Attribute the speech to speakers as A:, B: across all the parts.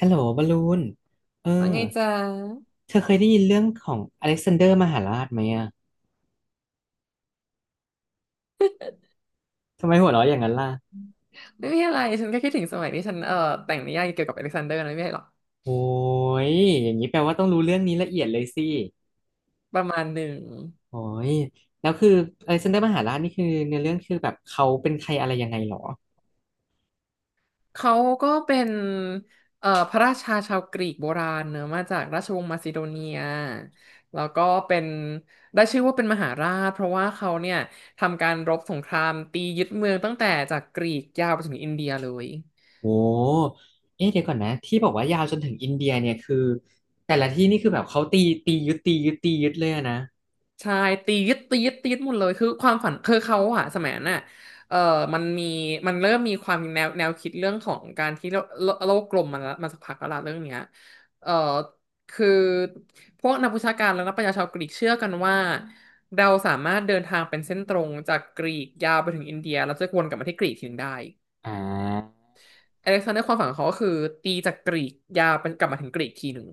A: ฮัลโหลบอลลูนเออ
B: ว่าไงจ๊ะ
A: เธอเคยได้ยินเรื่องของอเล็กซานเดอร์มหาราชไหมอ่ะทำไมหัวเราะอย่างนั้นล่ะ
B: ไม่มีอะไรฉันก็คิดถึงสมัยที่ฉันแต่งนิยายเกี่ยวกับอเล็กซานเดอร์นะไม่มีอะไรหรอก
A: โอ้ยอย่างนี้แปลว่าต้องรู้เรื่องนี้ละเอียดเลยสิ
B: ประมาณหนึ่ง
A: โอ้ยแล้วคืออเล็กซานเดอร์มหาราชนี่คือเนื้อเรื่องคือแบบเขาเป็นใครอะไรยังไงหรอ
B: เขาก็เป็นพระราชาชาวกรีกโบราณเนอะมาจากราชวงศ์มาซิโดเนียแล้วก็เป็นได้ชื่อว่าเป็นมหาราชเพราะว่าเขาเนี่ยทำการรบสงครามตียึดเมืองตั้งแต่จากกรีกยาวไปจนถึงอินเดียเลย
A: โอ้เอ๊ะเดี๋ยวก่อนนะที่บอกว่ายาวจนถึงอินเดียเนี่ยคือแต่ละที่นี่คือแบบเขาตีตียึดตียึดตียึดเลยอะนะ
B: ใช่ตีดตีดตีดหมดเลยคือความฝันคือเขาอะสมัยนั้นอะเออมันมีมันเริ่มมีความแนวคิดเรื่องของการที่โลกกลมมาแล้วมาสักพักแล้วล่ะเรื่องเนี้ยเออคือพวกนักวิชาการและนักปรัญญาชาวกรีกเชื่อกันว่าเราสามารถเดินทางเป็นเส้นตรงจากกรีกยาวไปถึงอินเดียแล้วจะวนกลับมาที่กรีกทีหนึงได้
A: อ่า
B: อเล็กซานเดอร์ความฝันของเขาก็คือตีจากกรีกยาวเปนกลับมาถึงกรีกทีหนึ่ง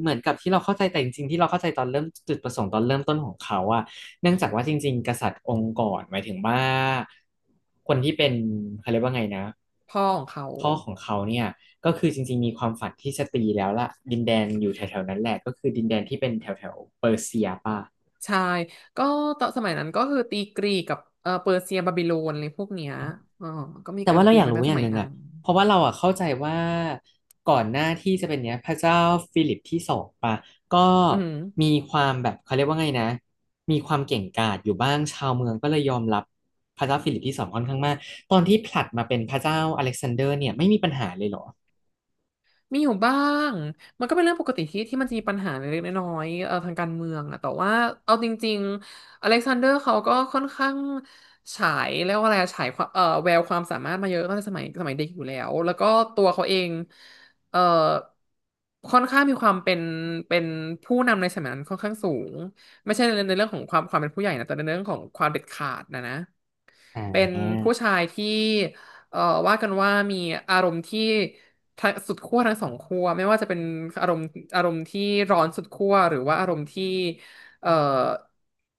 A: เหมือนกับที่เราเข้าใจแต่จริงๆที่เราเข้าใจตอนเริ่มจุดประสงค์ตอนเริ่มต้นของเขาอะเนื่องจากว่าจริงๆกษัตริย์องค์ก่อนหมายถึงว่าคนที่เป็นเขาเรียกว่าไงนะ
B: พ่อของเขา
A: พ่อของเขาเนี่ยก็คือจริงๆมีความฝันที่จะตีแล้วล่ะดินแดนอยู่แถวๆนั้นแหละก็คือดินแดนที่เป็นแถวๆเปอร์เซียป่ะ
B: ใช่ ก็ตอนสมัยนั้นก็คือตีกรีกกับเปอร์เซียบาบิโลนอะไรพวกเนี้ยอ๋อก็มี
A: แต่
B: กา
A: ว่า
B: ร
A: เรา
B: ตี
A: อยาก
B: มา
A: รู้
B: ตั้ง
A: อ
B: ส
A: ย่าง
B: มั
A: ห
B: ย
A: นึ่ง
B: นั้
A: อ่ะ
B: น
A: เพราะว่าเราอ่ะเข้าใจว่าก่อนหน้าที่จะเป็นเนี้ยพระเจ้าฟิลิปที่สองปะก็
B: อืม
A: มีความแบบเขาเรียกว่าไงนะมีความเก่งกาจอยู่บ้างชาวเมืองก็เลยยอมรับพระเจ้าฟิลิปที่สองค่อนข้างมากตอนที่ผลัดมาเป็นพระเจ้าอเล็กซานเดอร์เนี่ยไม่มีปัญหาเลยเหรอ
B: มีอยู่บ้าง มันก็เป็นเรื่องปกติที่มันจะมีปัญหาเล็กๆน้อยๆทางการเมืองอะแต่ว่าเอาจริงๆอเล็กซานเดอร์เขาก็ค่อนข้างฉายแลีว่าอะไรอะฉายความแววความสามารถมาเยอะตั้งแต่สมัยเด็กอยู่แล้วแล้วก็ตัวเขาเองเอ่อค่อนข้างมีความเป็นเป็นผู้นำในสมัยนั้นค่อนข้างสูงไม่ใช่ในเรื่องของความเป็นผู้ใหญ่นะแต่ในเรื่องของความเด็ดขาดนะ
A: อ่
B: เป็น
A: า
B: ผู้ชายที่เอ่อว่ากันว่ามีอารมณ์ที่ทั้งสุดขั้วทั้งสองขั้วไม่ว่าจะเป็นอารมณ์อารมณ์ที่ร้อนสุดขั้วหรือว่าอารมณ์ที่เอ่อ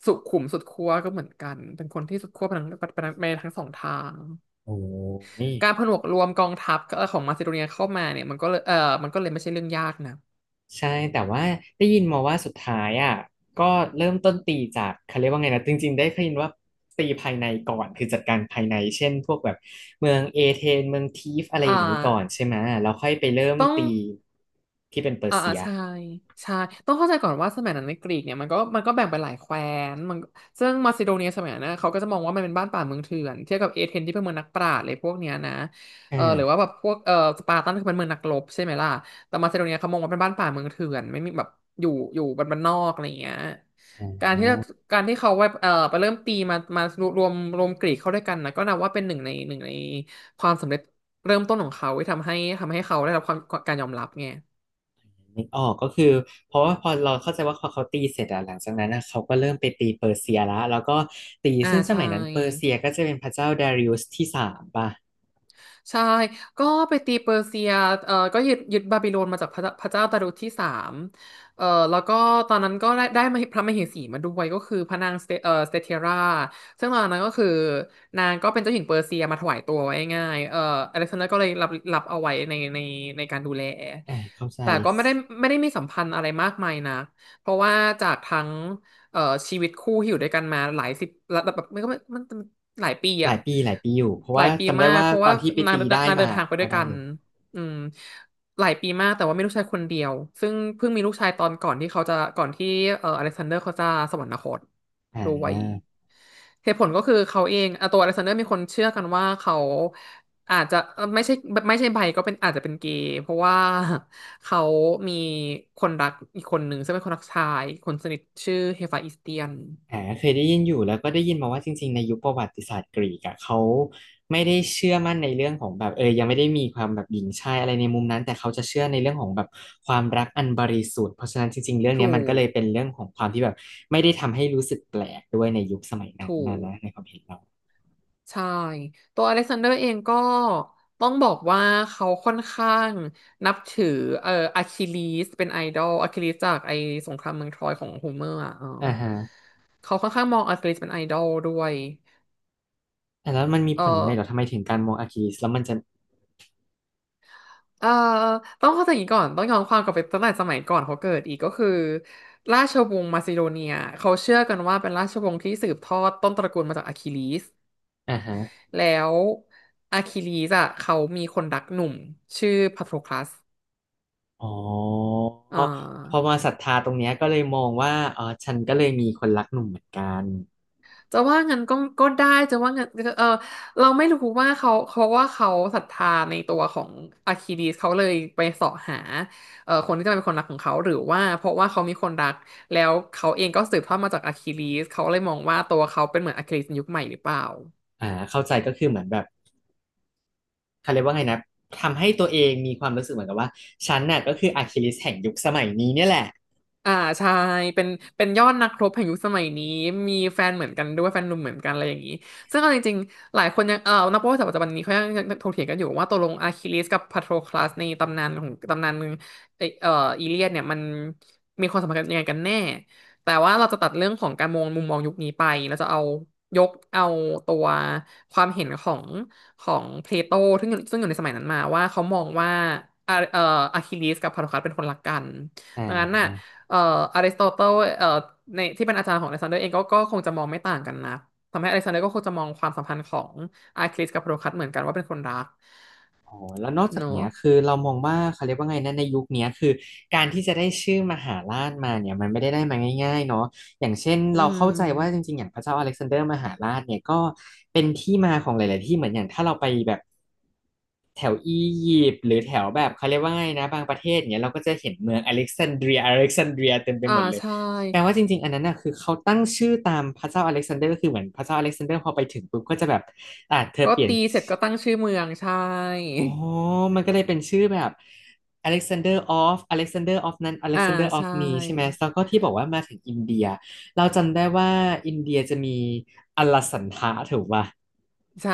B: สุขุมสุดขั้วก็เหมือนกันเป็นคนที่สุดขั้วไปทั้งไปทั้งสองทาง
A: โอ้ย
B: การผนวกรวมกองทัพของมาซิโดเนียเข้ามาเนี่ยมันก็เลยเออมันก็เลยไม่ใช่เรื่องยากนะ
A: ใช่แต่ว่าได้ยินมาว่าสุดท้ายอ่ะก็เริ่มต้นตีจากเขาเรียกว่าไงนะจริงๆได้เคยยินว่าตีภายในก่อนคือจัดการภายในเช่นพวกแบบเมืองเอเธนเมืองทีฟอะไร
B: อ่
A: อย่างนี้ก่อน
B: า
A: ใช่ไหมแล้วค่อยไปเริ่ม
B: ต้อง
A: ตีที่เป็นเปอร์
B: อ่าอ่า
A: เซีย
B: ใช่ใช่ต้องเข้าใจก่อนว่าสมัยนั้นในกรีกเนี่ยมันก็แบ่งไปหลายแคว้นมันซึ่งมาซิโดเนียสมัยนั้นนะเขาก็จะมองว่ามันเป็นบ้านป่าเมืองเถื่อนเทียบกับเอเธนที่เป็นเมืองนักปราชญ์อะไรพวกเนี้ยนะ
A: อ
B: เออหรือว่าแบ
A: ่า
B: บพวกสปาร์ตันคือเป็นเมืองนักรบใช่ไหมล่ะแต่มาซิโดเนียเขามองว่าเป็นบ้านป่าเมืองเถื่อนไม่มีแบบอยู่บ้านนอกอะไรอย่างเงี้ยการที่เราการที่เขาไว้ไปเริ่มตีมารวมกรีกเข้าด้วยกันนะก็นับว่าเป็นหนึ่งในความสำเร็จเริ่มต้นของเขาที่ทำให้เขาได้รับความการยอมรับไง
A: นึกออกก็คือเพราะว่าพอเราเข้าใจว่าพอเขาตีเสร็จอะหลังจากนั้นอะเขาก็เริ่มไปตีเปอร์เซียละแล้วก็ตี
B: อ่า
A: ซึ่งส
B: ใช่
A: มัยนั้นเปอร์เซียก็จะเป็นพระเจ้าดาริอุสที่สามป่ะ
B: ใช่ก็ไปตีเปอร์เซียก็ยึดบาบิโลนมาจากพระเจ้าดารุธที่สามเอ่อแล้วก็ตอนนั้นก็ได้มาพระมเหสีมาด้วยก็คือพระนางสเตสเตเทราซึ่งตอนนั้นก็คือนางก็เป็นเจ้าหญิงเปอร์เซียมาถวายตัวไว้ง่ายอเล็กซานเดอร์ก็เลยรับเอาไว้ในในการดูแล
A: อ่าเข้าใจ
B: แต่ก็ไม่ได้ไม่ได้มีสัมพันธ์อะไรมากมายนะเพราะว่าจากทั้งเอ่อชีวิตคู่ที่อยู่ด้วยกันมาหลายสิบแล้วแบบมันก็มันมันหลายปี
A: ห
B: อะ
A: ลายปีหลายปีอยู่เพราะ
B: หลา
A: ว่า
B: ยปี
A: จำได้
B: มาก
A: ว่า
B: เพราะ
A: ตอ
B: ว่า
A: นที่ไป
B: นาง
A: ตีได้
B: นางเดิ
A: มา
B: นทางไปด้
A: ก็
B: วย
A: ได้
B: กัน
A: เลย
B: อืมหลายปีมากแต่ว่ามีลูกชายคนเดียวซึ่งเพิ่งมีลูกชายตอนก่อนที่เขาจะก่อนที่อเล็กซานเดอร์เขาจะสวรรคต
A: อ่
B: ด้วย
A: า
B: เหตุผลก็คือเขาเองอ่ะตัวอเล็กซานเดอร์มีคนเชื่อกันว่าเขาอาจจะไม่ใช่ไม่ใช่ไบก็เป็นอาจจะเป็นเกย์เพราะว่าเขามีคนรักอีกคนหนึ่งซึ่งเป็นคนรักชายคนสนิทชื่อเฮฟาอิสเตียน
A: อ่าเคยได้ยินอยู่แล้วก็ได้ยินมาว่าจริงๆในยุคประวัติศาสตร์กรีกอะเขาไม่ได้เชื่อมั่นในเรื่องของแบบยังไม่ได้มีความแบบหญิงชายอะไรในมุมนั้นแต่เขาจะเชื่อในเรื่องของแบบความรักอันบริสุทธิ์เพราะฉะนั้นจริงๆเรื่องเนี้ย
B: ถู
A: มันก็
B: ก
A: เลยเป็นเรื่องของความที่แบบไม่ได้ทำให้รู้สึกแปลกด้วยในยุคสมัยนั้น
B: ถู
A: นะ
B: ก
A: นะในความเห็นเรา
B: ใช่ ตัวอเล็กซานเดอร์เองก็ต้องบอกว่าเขาค่อนข้างนับถืออะคิลีสเป็นไอดอลอะคิลีสจากไอสงครามเมืองทรอยของโฮเมอร์อ่ะเออ
A: อ่าฮะ
B: เขาค่อนข้างมองอะคิลีสเป็นไอดอลด้วย
A: อ่ะแล้วมันมี
B: เอ
A: ผ
B: อ
A: ลยังไงเหรอทำไมถึงการมองอาคิลิสแล้วมันจะ
B: เออต้องเข้าใจอย่างนี้ก่อนต้องย้อนความกลับไปตั้งแต่สมัยก่อนเขาเกิดอีกก็คือราชวงศ์มาซิโดเนียเขาเชื่อกันว่าเป็นราชวงศ์ที่สืบทอดต้นตระกูลมาจากอะคิลีส
A: อ่าฮะ
B: แล้วอะคิลีสอ่ะเขามีคนรักหนุ่มชื่อพาโทคลัส
A: อ๋อ
B: อ่
A: พอ
B: า
A: มาศรัทธาตรงเนี้ยก็เลยมองว่าเออฉันก็เลยมีคนรักหนุ่มเหมือนกัน
B: จะว่างั้นก็ก็ได้จะว่างั้นเออเราไม่รู้ว่าเขาว่าเขาศรัทธาในตัวของอาคิดีสเขาเลยไปเสาะหาคนที่จะเป็นคนรักของเขาหรือว่าเพราะว่าเขามีคนรักแล้วเขาเองก็สืบทอดมาจากอาคิลีสเขาเลยมองว่าตัวเขาเป็นเหมือนอาคิลีสในยุคใหม่หรือเปล่า
A: อ่าเข้าใจก็คือเหมือนแบบเขาเรียกว่าไงนะทำให้ตัวเองมีความรู้สึกเหมือนกับว่าฉันน่ะก็คืออะคิลิสแห่งยุคสมัยนี้เนี่ยแหละ
B: อ่าใช่เป็นเป็นยอดนักรบแห่งยุคสมัยนี้มีแฟนเหมือนกันด้วยแฟนหนุ่มเหมือนกันอะไรอย่างนี้ซึ่งเอาจริงๆหลายคนยังเออนักประวัติศาสตร์ปัจจุบันนี้เขายังถกเถียงกันอยู่ว่าตกลงอะคิลิสกับพัทโคลัสในตำนานของตำนานเอ่อเอ่ออีเลียดเนี่ยมันมีความสัมพันธ์กันยังไงกันแน่แต่ว่าเราจะตัดเรื่องของการมองมุมมองยุคนี้ไปแล้วจะเอายกเอาตัวความเห็นของของเพลโตซึ่งอยู่ในสมัยนั้นมาว่าเขามองว่าอะเอ่ออะคิลิสกับพาโคลัสเป็นคนรักกัน
A: อ่
B: ดังนั้นน่ะ
A: า
B: เอ่ออริสโตเติลในที่เป็นอาจารย์ของอเล็กซานเดอร์เองก็คงจะมองไม่ต่างกันนะทำให้อเล็กซานเดอร์ก็คงจะมองความสัมพันธ์ของอาคลิสกับโพโดคัสเหมือนกันว่าเป็นคนรัก
A: โอ้แล้วนอกจา
B: เน
A: กเนี้
B: อะ
A: ยคือเรามองว่าเขาเรียกว่าไงนะในยุคเนี้ยคือการที่จะได้ชื่อมหาราชมาเนี่ยมันไม่ได้ได้มาง่ายๆเนาะอย่างเช่น
B: อื
A: เรา
B: ม
A: เข้าใจว่าจริงๆอย่างพระเจ้าอเล็กซานเดอร์มหาราชเนี่ยก็เป็นที่มาของหลายๆที่เหมือนอย่างถ้าเราไปแบบแถวอียิปต์หรือแถวแบบเขาเรียกว่าไงนะบางประเทศเนี่ยเราก็จะเห็นเมืองอเล็กซานเดรียอเล็กซานเดรียเต็มไป
B: อ่า
A: หมดเลย
B: ใช่
A: แปลว่าจริงๆอันนั้นน่ะคือเขาตั้งชื่อตามพระเจ้าอเล็กซานเดอร์ก็คือเหมือนพระเจ้าอเล็กซานเดอร์พอไปถึงปุ๊บก็จะแบบอ่ะเธอ
B: ก็
A: เปลี่ยน
B: ตีเสร็จก็ตั้งชื่อเมืองใช่
A: อ๋อมันก็เลยเป็นชื่อแบบ Alexander of Alexander of นั้น
B: อ่า
A: Alexander of
B: ใช่
A: นี้ใช่ไหมแล้วก็ที่บอกว่ามาถึงอินเดียเราจำได้ว่าอินเดียจะมีอลสันทะถูกป่ะ
B: ใช่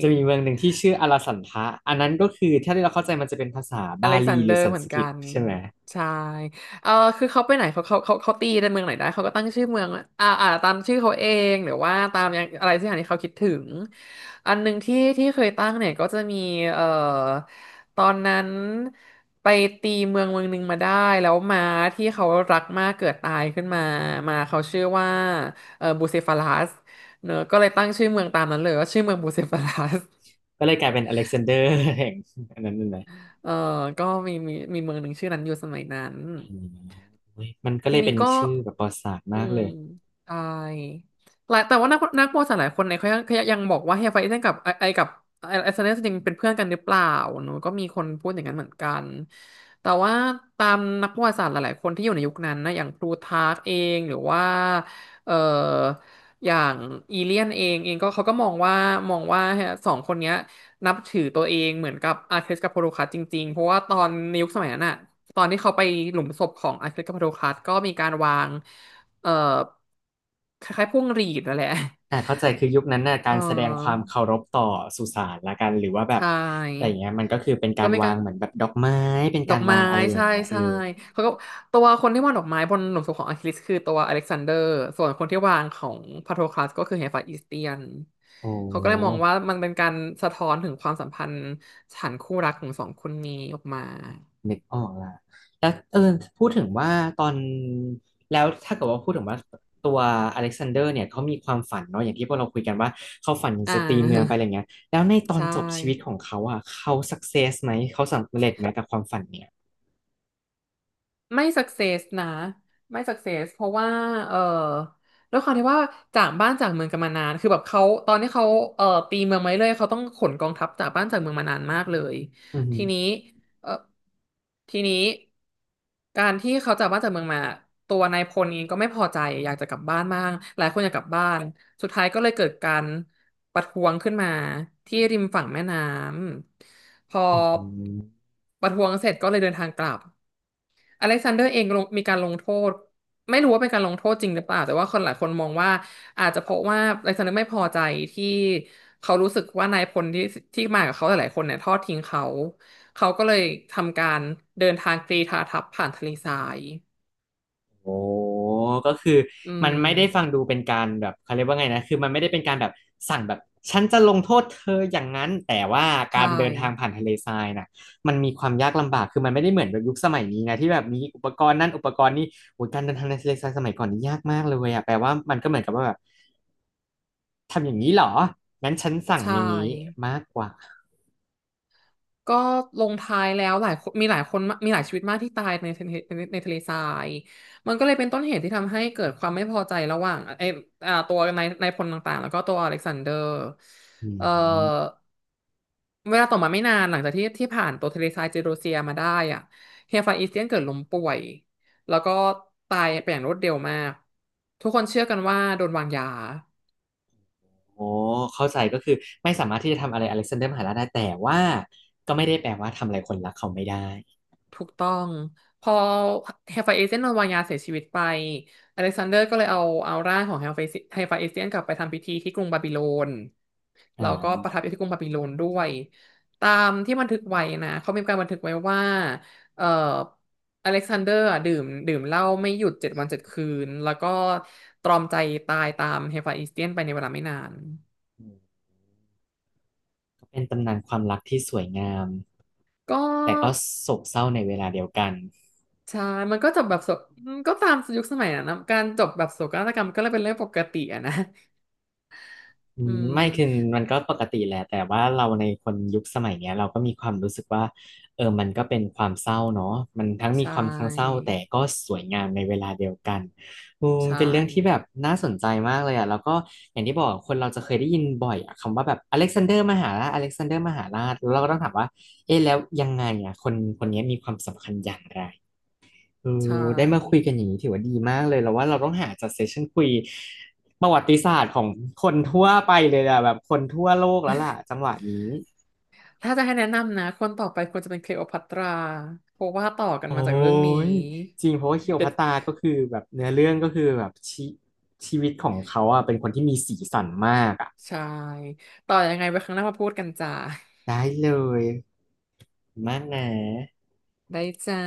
A: จะมีเมืองหนึ่งที่ชื่ออลสันทะอันนั้นก็คือถ้าที่เราเข้าใจมันจะเป็นภาษา
B: อ
A: บา
B: เล็กซา
A: ลี
B: น
A: ห
B: เดอ
A: รือ
B: ร์
A: สัน
B: เหมือ
A: ส
B: น
A: ก
B: กั
A: ฤต
B: น
A: ใช่ไหม
B: ใช่เออคือเขาไปไหนเขาตีในเมืองไหนได้เขาก็ตั้งชื่อเมืองว่าตามชื่อเขาเองหรือว่าตามอย่างอะไรสักอย่างที่เขาคิดถึงอันหนึ่งที่ที่เคยตั้งเนี่ยก็จะมีเอ่อตอนนั้นไปตีเมืองหนึ่งมาได้แล้วม้าที่เขารักมากเกิดตายขึ้นมามาเขาชื่อว่าบูเซฟาลัสเนอะก็เลยตั้งชื่อเมืองตามนั้นเลยว่าชื่อเมืองบูเซฟาลัส
A: ก็เลยกลายเป็น Alexander แห่งอันนั้นนั่นแหละ
B: เออก็มีเมืองหนึ่งชื่อนั้นอยู่สมัยนั้น
A: อืมมันก็เล
B: ที
A: ยเป็
B: นี้
A: น
B: ก็
A: ชื่อแบบประวัติศาสตร์
B: อื
A: มาก
B: ม
A: เลย
B: ใช่หลาย แต่ว่านักประวัติศาสตร์หลายคนเนี่ยเขายังบอกว่าเฮฟไวเซนกับไอไอกับไอซ์แลนด์จริงเป็นเพื่อนกันหรือเปล่าเนอะก็มีคนพูดอย่างนั้นเหมือนกัน แต่ว่าตามนักประวัติศาสตร์หลายๆคนที่อยู่ในยุคนั้นนะอย่างพลูทาร์กเองหรือว่าเอ่ออย่างอีเลียนเองก็เขาก็มองว่าสองคนเนี้ยนับถือตัวเองเหมือนกับอาร์เคสกับโพโดคัสจริงๆเพราะว่าตอนในยุคสมัยนั้นอะตอนที่เขาไปหลุมศพของอาร์เคสกับโพโดคัสก็มีการวาง เอ่อคล้ายๆพวงหรีดนั่นแหละ
A: เข้าใจคือยุคนั้นน่ะกา
B: เอ
A: รแสดงความ
B: อ
A: เคารพต่อสุสานละกันหรือว่าแบ
B: ใช
A: บอะไรอ
B: ่
A: ย่างเงี้ยมันก็คือเป็นกา
B: ก็
A: ร
B: ไม่ก
A: วา
B: ล้า
A: งเหมือนแบบดอกไม้เป็น
B: ด
A: กา
B: อ
A: ร
B: ก
A: วา
B: ไม้
A: งอะไรอย่า
B: ใช่
A: งเงี้ยเออ
B: ใช่เขาก็ตัวคนที่วางดอกไม้บนหลุมศพของอะคิลิสคือตัวอเล็กซานเดอร์ส่วนคนที่วางของพาโทคลัสก็คือเฮฟาอิสเตียน
A: โอ้
B: เขาก็เลยมองว่ามันเป็นการสะท้อนถึงความสัมพันธ์ฉันคู่รักของสองคนนี้ออกมา
A: นึกออกละแล้วพูดถึงว่าตอนแล้วถ้าเกิดว่าพูดถึงว่าตัวอเล็กซานเดอร์เนี่ยเขามีความฝันเนาะอย่างที่พวกเราคุยกันว่าเขาฝันถึง
B: อ่า
A: จะตีเมืองไปอะไรเงี้ยแล้วในต อน
B: ใช่
A: จบชีวิตของเขาอ่ะเขาสักเซสไหมเขาสำเร็จไหมกับความฝันเนี่ย
B: ไม่สักเซสนะไม่สักเซสเพราะว่าเออด้วยความที่ว่าจากบ้านจากเมืองกันมานานคือแบบเขาตอนที่เขาเออตีเมืองมาเรื่อยเขาต้องขนกองทัพจากบ้านจากเมืองมานานมากเลย
A: อื
B: ทีนี้
A: ม
B: เออทีนี้การที่เขาจากบ้านจากเมืองมาตัวนายพลเองก็ไม่พอใจอยากจะกลับบ้านมากหลายคนอยากกลับบ้านสุดท้ายก็เลยเกิดการประท้วงขึ้นมาที่ริมฝั่งแม่น้ำพอ
A: อืม
B: ประท้วงเสร็จก็เลยเดินทางกลับ อเล็กซานเดอร์เองลงมีการลงโทษไม่รู้ว่าเป็นการลงโทษจริงหรือเปล่าแต่ว่าคนหลายคนมองว่าอาจจะเพราะว่าอเล็กซานเดอร์ไม่พอใจที่เขารู้สึกว่านายพลที่มากับเขาหลายๆคนเนี่ยทอดทิ้งเขาเขาก็เลยทำการเดินทางกรีธาทัพผ่านทะเลทราย
A: โอ้ก็คือ
B: อื
A: มัน
B: ม
A: ไม่ได้ฟังดูเป็นการแบบเขาเรียกว่าไงนะคือมันไม่ได้เป็นการแบบสั่งแบบฉันจะลงโทษเธออย่างนั้น แต่ว่ากา
B: ใช่
A: รเดินทางผ่านทะเลทรายน่ะมันมีความยากลำบากคือมันไม่ได้เหมือนแบบยุคสมัยนี้ไงที่แบบมีอุปกรณ์นั่นอุปกรณ์นี่โอ้ยการเดินทางในทะเลทรายสมัยก่อนนี่ยากมากเลยอะแปลว่ามันก็เหมือนกับว่าแบบทำอย่างนี้เหรองั้นฉันสั่ง
B: ใช
A: อย่างนี้
B: ่
A: มากกว่า
B: ก็ลงท้ายแล้วหลายคนมีหลายชีวิตมากที่ตายในทะเลในทะเลทรายมันก็เลยเป็นต้นเหตุที่ทำให้เกิดความไม่พอใจระหว่างไอ้อ่าตัวนายพลต่างๆแล้วก็ตัวอเล็กซานเดอร์
A: อื
B: เอ่อ
A: ม
B: เวลาต่อมาไม่นานหลังจากที่ผ่านตัวเทเลซายเจโรเซียมาได้อ่ะเฮียฟานอีสเตียนเกิดล้มป่วยแล้วก็ตายไปอย่างรวดเร็วมากทุกคนเชื่อกันว่าโดนวางยา
A: โอ้เข้าใจก็คือไม่สามารถที่จะทำอะไรอเล็กซานเดอร์มหาราชได้แต่ว่าก็ไม่ได้แปลว่าทำอะไรคนรักเขาไม่ได้
B: ถูกต้องพอเฮลไฟเอเซียนโดนวางยาเสียชีวิตไปอเล็กซานเดอร์ก็เลยเอาร่างของเฮลไฟเอเซียนกลับไปทำพิธีที่กรุงบาบิโลน
A: อ่
B: แล้วก็
A: า
B: ประทับอยู่ที่กรุงบาบิโลนด้วยตามที่บันทึกไว้นะเขามีการบันทึกไว้ว่าเอ่ออเล็กซานเดอร์อะดื่มเหล้าไม่หยุดเจ็ดวันเจ็ดคืนแล้วก็ตรอมใจตายตามเฮลไฟเอเซียนไปในเวลาไม่นาน
A: เป็นตำนานความรักที่สวยงาม
B: ก็
A: แต่ก็โศกเศร้าในเวลาเดียวกัน
B: ใช่ มันก็จบแบบโศกอืมก็ตามยุคสมัยนะนะ การจบแบบโศกนาฏกรรมก็เลยเป็นเรื่องปกติอะนะ
A: อื
B: อื
A: ม
B: ม
A: ไม่คือมันก็ปกติแหละแต่ว่าเราในคนยุคสมัยเนี้ยเราก็มีความรู้สึกว่าเออมันก็เป็นความเศร้าเนาะมันทั้งมี
B: ใช่
A: ความทั้งเศร้าแต่ก็สวยงามในเวลาเดียวกันอืม
B: ใช่
A: เป็นเรื่องที่แบบน่าสนใจมากเลยอ่ะแล้วก็อย่างที่บอกคนเราจะเคยได้ยินบ่อยอะคำว่าแบบอเล็กซานเดอร์มหาราชอเล็กซานเดอร์มหาราชแล้วเราก็ต้องถามว่าเอ๊ะแล้วยังไงอ่ะคนคนนี้มีความสำคัญอย่างไร เออ
B: ใช
A: ได้มาคุย
B: ่
A: กันอย่างนี้ถือว่าดีมากเลยแล้วว่าเราต้องหาจัดเซสชั่นคุยประวัติศาสตร์ของคนทั่วไปเลยอะแบบคนทั่วโลกแล้วล่ะจังหวะนี้
B: ถ้าจะให้แนะนำนะ คนต่อไปควรจะเป็นคลีโอพัตราเพราะว่าต่อกัน
A: โอ้
B: มาจากเรื่องนี้
A: ยจริงเพราะว่าเคีย ว
B: เด็
A: พั
B: ด
A: ตตาก็คือแบบเนื้อเรื่องก็คือแบบชีวิตของเขาอะเป็นคนที่มีสีสันมากอะ
B: ใช่ ต่อยังไงไว้ครั้งหน้ามาพูดกันจ้า
A: ได้เลยมากนะ
B: ได้จ้า